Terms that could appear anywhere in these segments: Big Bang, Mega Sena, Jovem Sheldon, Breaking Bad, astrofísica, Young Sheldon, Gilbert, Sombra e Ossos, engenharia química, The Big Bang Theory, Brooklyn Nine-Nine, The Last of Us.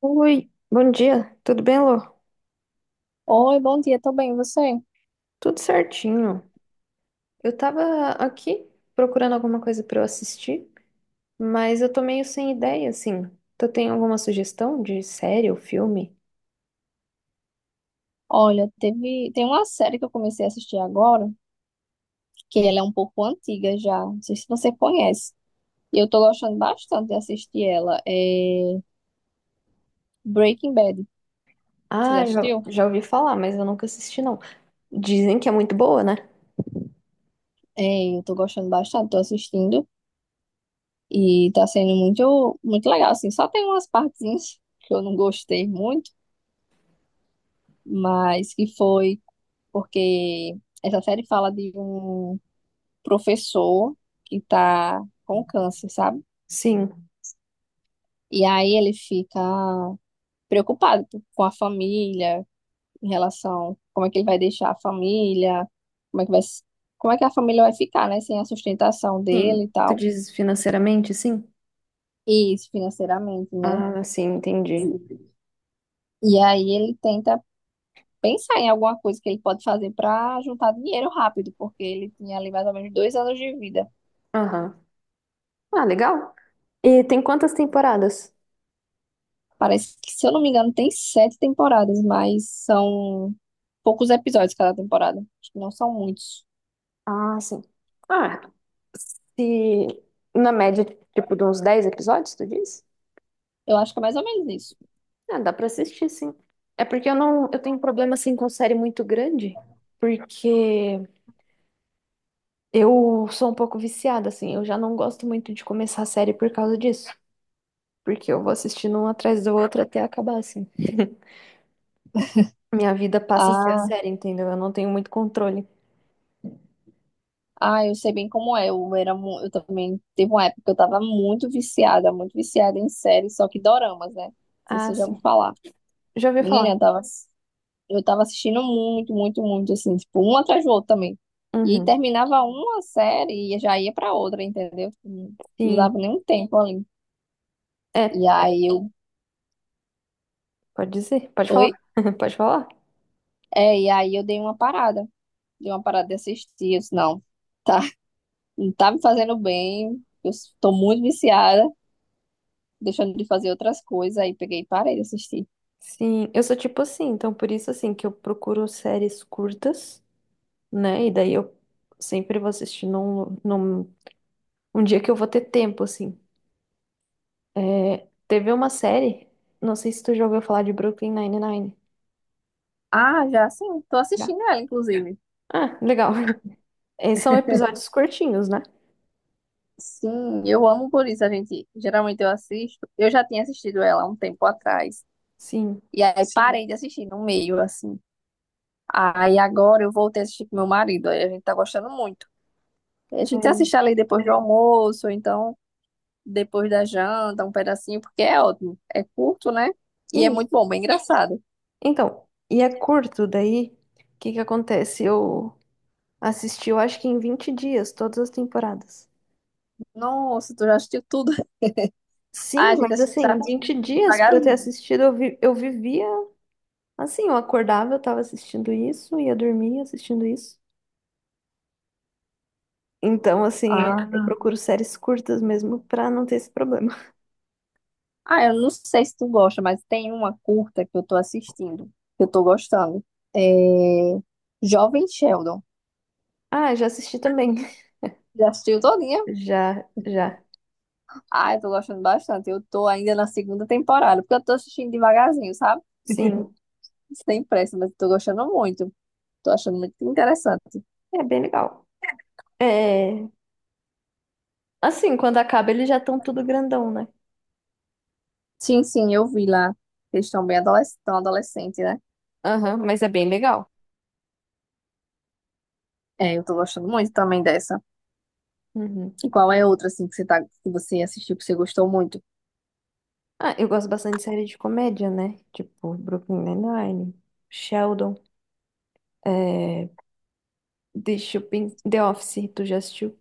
Oi, bom dia, tudo bem, Lô? Oi, bom dia, tô bem, e você? Tudo certinho. Eu tava aqui procurando alguma coisa pra eu assistir, mas eu tô meio sem ideia, assim. Tu tem alguma sugestão de série ou filme? Olha, tem uma série que eu comecei a assistir agora, que ela é um pouco antiga já, não sei se você conhece. E eu tô gostando bastante de assistir ela, é Breaking Bad. Você já Ah, já, assistiu? já ouvi falar, mas eu nunca assisti, não. Dizem que é muito boa, né? É, eu tô gostando bastante, tô assistindo e tá sendo muito, muito legal, assim. Só tem umas partezinhas que eu não gostei muito, mas que foi porque essa série fala de um professor que tá com câncer, sabe? Sim, E aí ele fica preocupado com a família, em relação como é que ele vai deixar a família, como é que vai, s- como é que a família vai ficar, né, sem a sustentação sim. dele e Tu tal. diz financeiramente, sim? E isso financeiramente, né? Ah, sim, entendi. E aí ele tenta pensar em alguma coisa que ele pode fazer para juntar dinheiro rápido, porque ele tinha ali mais ou menos 2 anos de vida. Aham. Ah, legal. E tem quantas temporadas? Parece que, se eu não me engano, tem sete temporadas, mas são poucos episódios cada temporada. Acho que não são muitos. Ah, sim. Ah, se na média, tipo, de uns 10 episódios, tu diz? Eu acho que é mais ou menos isso. Ah, dá pra assistir, sim. É porque eu não, eu tenho um problema assim com série muito grande, porque eu sou um pouco viciada assim, eu já não gosto muito de começar a série por causa disso, porque eu vou assistindo um atrás do outro até acabar assim. Minha vida passa a ser a Ah, série, entendeu? Eu não tenho muito controle. Ah, eu sei bem como é. Eu também teve uma época que eu tava muito viciada em séries, só que doramas, né? Não sei se Ah, você já sim. ouviu falar. Já ouvi Menina, falar. Eu tava assistindo muito, muito, muito, assim, tipo, um atrás do outro também. E Uhum. terminava uma série e já ia pra outra, entendeu? Não não Sim. dava nenhum tempo ali. É, E aí eu, pode dizer, pode falar. oi? Pode falar? É, e aí eu dei uma parada. Dei uma parada de assistir. Eu disse, não, tá, não tá me fazendo bem. Tô muito viciada. Deixando de fazer outras coisas, aí peguei e parei de assistir. Sim, eu sou tipo assim, então por isso assim que eu procuro séries curtas, né? E daí eu sempre vou assistir num um dia que eu vou ter tempo, assim. É, teve uma série, não sei se tu já ouviu falar de Brooklyn Nine-Nine. Ah, já sim, tô Já? assistindo ela, inclusive. Ah, legal. É, são episódios curtinhos, né? Sim, eu amo por isso, a gente. Geralmente eu assisto. Eu já tinha assistido ela há um tempo atrás. Sim. E aí, sim, parei de assistir no meio, assim. Aí agora eu voltei a assistir com meu marido. Aí a gente tá gostando muito. A gente É, assiste ali depois do almoço, ou então depois da janta, um pedacinho, porque é ótimo. É curto, né? E é isso. muito bom, bem engraçado. Então, e é curto, daí, o que que acontece? Eu assisti, eu acho que em 20 dias, todas as temporadas. Nossa, tu já assistiu tudo? Ah, a Sim, gente tá mas assim, 20 assistindo dias pra eu ter devagarzinho. assistido, eu vivia assim, eu acordava, eu tava assistindo isso, ia dormir assistindo isso. Então, assim, é, eu Ah. procuro séries curtas mesmo pra não ter esse problema. Ah, eu não sei se tu gosta, mas tem uma curta que eu tô assistindo, que eu tô gostando. É... Jovem Sheldon. Ah, já assisti também. Já assistiu todinha? Já, já. Ah, eu tô gostando bastante. Eu tô ainda na segunda temporada, porque eu tô assistindo devagarzinho, sabe? Sim. Sem pressa, mas eu tô gostando muito. Tô achando muito interessante. É bem legal. É. Assim, quando acaba, eles já estão tudo grandão, né? Sim, sim, eu vi lá. Eles estão bem adolescentes, tão adolescente, né? Aham, mas é bem legal. É, eu tô gostando muito também dessa. Uhum. E qual é outra, assim, que você assistiu, que você gostou muito? Ah, eu gosto bastante de série de comédia, né? Tipo, Brooklyn Nine-Nine, Sheldon, é... The Shopping, The Office, tu já assistiu?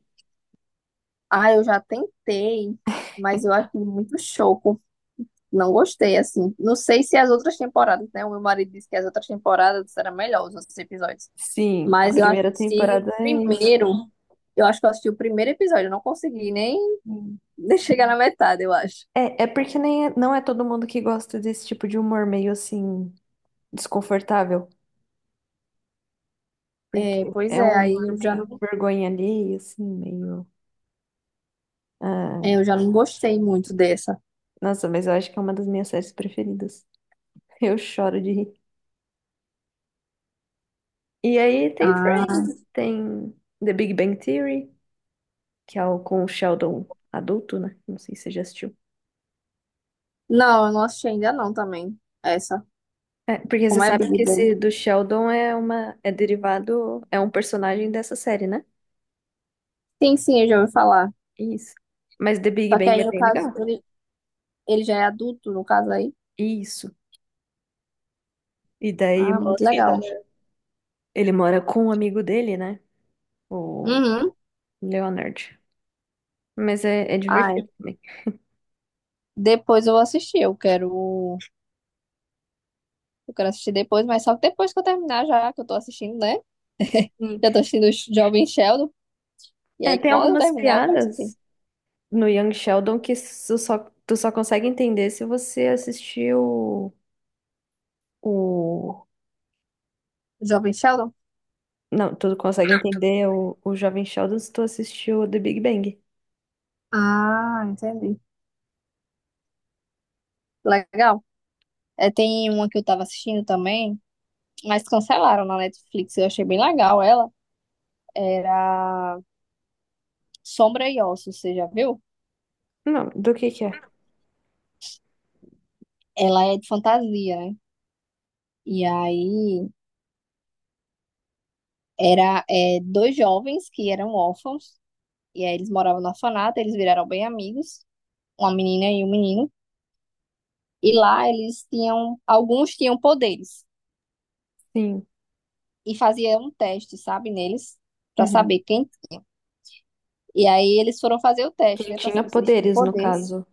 Ah, eu já tentei, mas eu acho muito show. Não gostei, assim. Não sei se as outras temporadas, né? O meu marido disse que as outras temporadas eram melhores, os outros episódios. Sim, a Mas eu primeira assisti o temporada é isso. primeiro. Eu acho que eu assisti o primeiro episódio. Eu não consegui nem Sim. chegar na metade, eu acho. É, não é todo mundo que gosta desse tipo de humor meio assim, desconfortável. Porque É, pois é é, um humor meio vergonha alheia, assim, meio. Ah, eu já não gostei muito dessa. nossa, mas eu acho que é uma das minhas séries preferidas. Eu choro de rir. E aí tem Ah, Friends, tem The Big Bang Theory, que é o com o Sheldon adulto, né? Não sei se você já assistiu. não, eu não assisti ainda não também. Essa. É, porque você Como é sabe Big que Bang? esse do Sheldon é derivado, é um personagem dessa série, né? Sim, sim, eu já ouvi falar. Isso. Mas The Big Só que Bang é aí, no bem caso, legal. ele já é adulto, no caso aí. Isso. E daí Ah, muito legal. ele mora com um amigo dele, né? O Uhum. Leonard. Mas é divertido Ai. também. Depois eu vou assistir, eu quero assistir depois, mas só que depois que eu terminar já, que eu tô assistindo, né? Sim. Já tô assistindo o Jovem Sheldon, e É, aí tem quando eu algumas terminar eu quero assistir. piadas no Young Sheldon que tu só consegue entender se você assistir o... Jovem Sheldon? Não, tu consegue entender o Jovem Sheldon se tu assistiu o The Big Bang. Ah, entendi. Legal. É, tem uma que eu tava assistindo também, mas cancelaram na Netflix, eu achei bem legal ela. Era Sombra e Ossos, você já viu? Não, do que é? Ela é de fantasia, né? E aí dois jovens que eram órfãos, e aí eles moravam no orfanato, eles viraram bem amigos. Uma menina e um menino, e lá alguns tinham poderes Sim. e faziam um teste, sabe, neles, pra Uhum. saber quem. E aí eles foram fazer o teste, Quem né, pra tinha saber se eles tinham poderes, no poderes. caso.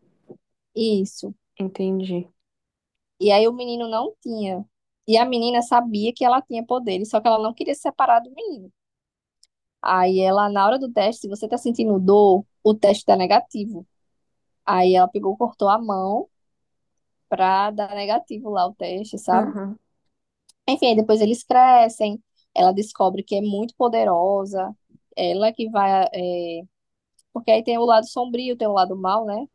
Isso. Entendi. E aí o menino não tinha. E a menina sabia que ela tinha poderes, só que ela não queria se separar do menino. Aí ela, na hora do teste, se você tá sentindo dor, o teste tá negativo. Aí ela pegou, cortou a mão pra dar negativo lá o teste, sabe? Aham, Enfim, aí depois eles crescem, ela descobre que é muito poderosa, ela que vai. Porque aí tem o lado sombrio, tem o lado mal, né?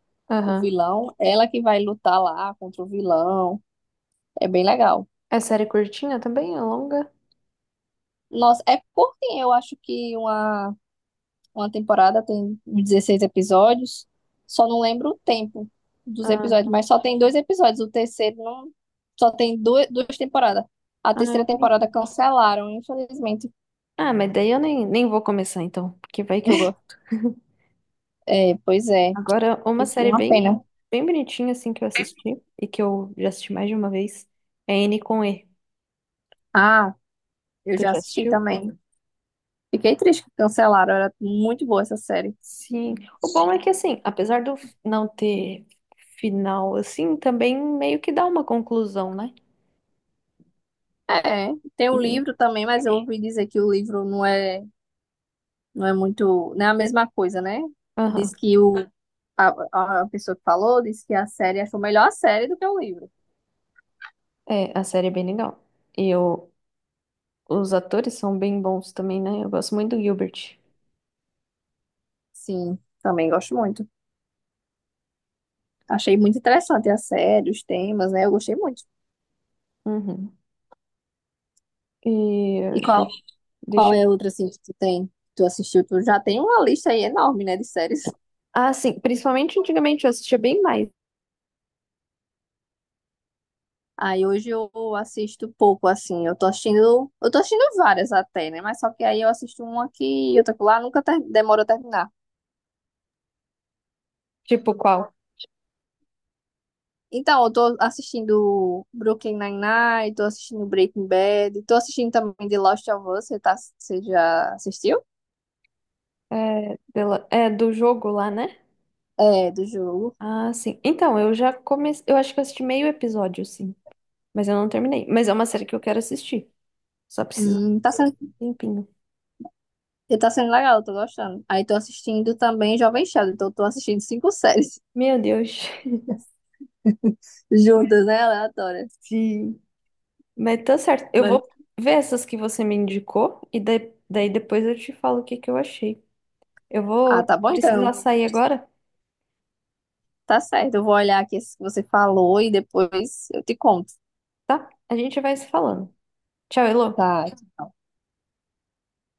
O aham. vilão, ela que vai lutar lá contra o vilão. É bem legal. É série curtinha também? É longa? Nossa, é curtinho, eu acho que uma temporada tem 16 episódios, só não lembro o tempo dos episódios, Ah, mas só tem dois episódios, o terceiro não. Só tem duas temporadas. A ah, terceira entendi. temporada cancelaram, infelizmente. Ah, mas daí eu nem vou começar então, porque vai que eu gosto. É, pois é, Agora, uma série uma pena. bem bonitinha, assim, que eu assisti, e que eu já assisti mais de uma vez, é N com E. Ah, eu Tu já já assisti assistiu? também. Fiquei triste que cancelaram, era muito boa essa série. Sim. O bom é que, assim, apesar do não ter final, assim, também meio que dá uma conclusão, né? É, tem o E- livro também, mas eu ouvi dizer que o livro não é, não é muito, não é a mesma coisa, né? Diz aham. que a pessoa que falou disse que a série achou melhor a série do que o livro. É, a série é bem legal. E eu, os atores são bem bons também, né? Eu gosto muito do Gilbert. Sim, também gosto muito. Achei muito interessante a série, os temas, né? Eu gostei muito. Uhum. E eh, E qual deixa... é a eu... outra, assim, que tu tem? Que tu assistiu? Tu já tem uma lista aí enorme, né, de séries. Ah, sim. Principalmente antigamente eu assistia bem mais. Aí hoje eu assisto pouco, assim. Eu tô assistindo várias até, né? Mas só que aí eu assisto uma aqui e outra lá, nunca ter... demora a terminar. Tipo, qual? Então, eu tô assistindo Brooklyn Nine-Nine, tô assistindo Breaking Bad, tô assistindo também The Last of Us. Você já assistiu? É, é do jogo lá, né? É, do jogo. Ah, sim. Então, eu já comecei. Eu acho que eu assisti meio episódio, sim. Mas eu não terminei. Mas é uma série que eu quero assistir. Só preciso Hum, tá sendo... de um tempinho. tá sendo legal, eu tô gostando. Aí tô assistindo também Jovem Sheldon, então eu tô assistindo cinco séries Meu Deus. juntas, né? Aleatória. Sim. Mas tá certo. Eu Mas... vou ver essas que você me indicou. E daí depois eu te falo o que que eu achei. Eu Ah, vou tá bom então. precisar sair agora, Tá certo, eu vou olhar aqui esse que você falou e depois eu te conto. tá? A gente vai se falando. Tchau, Elô. Tá.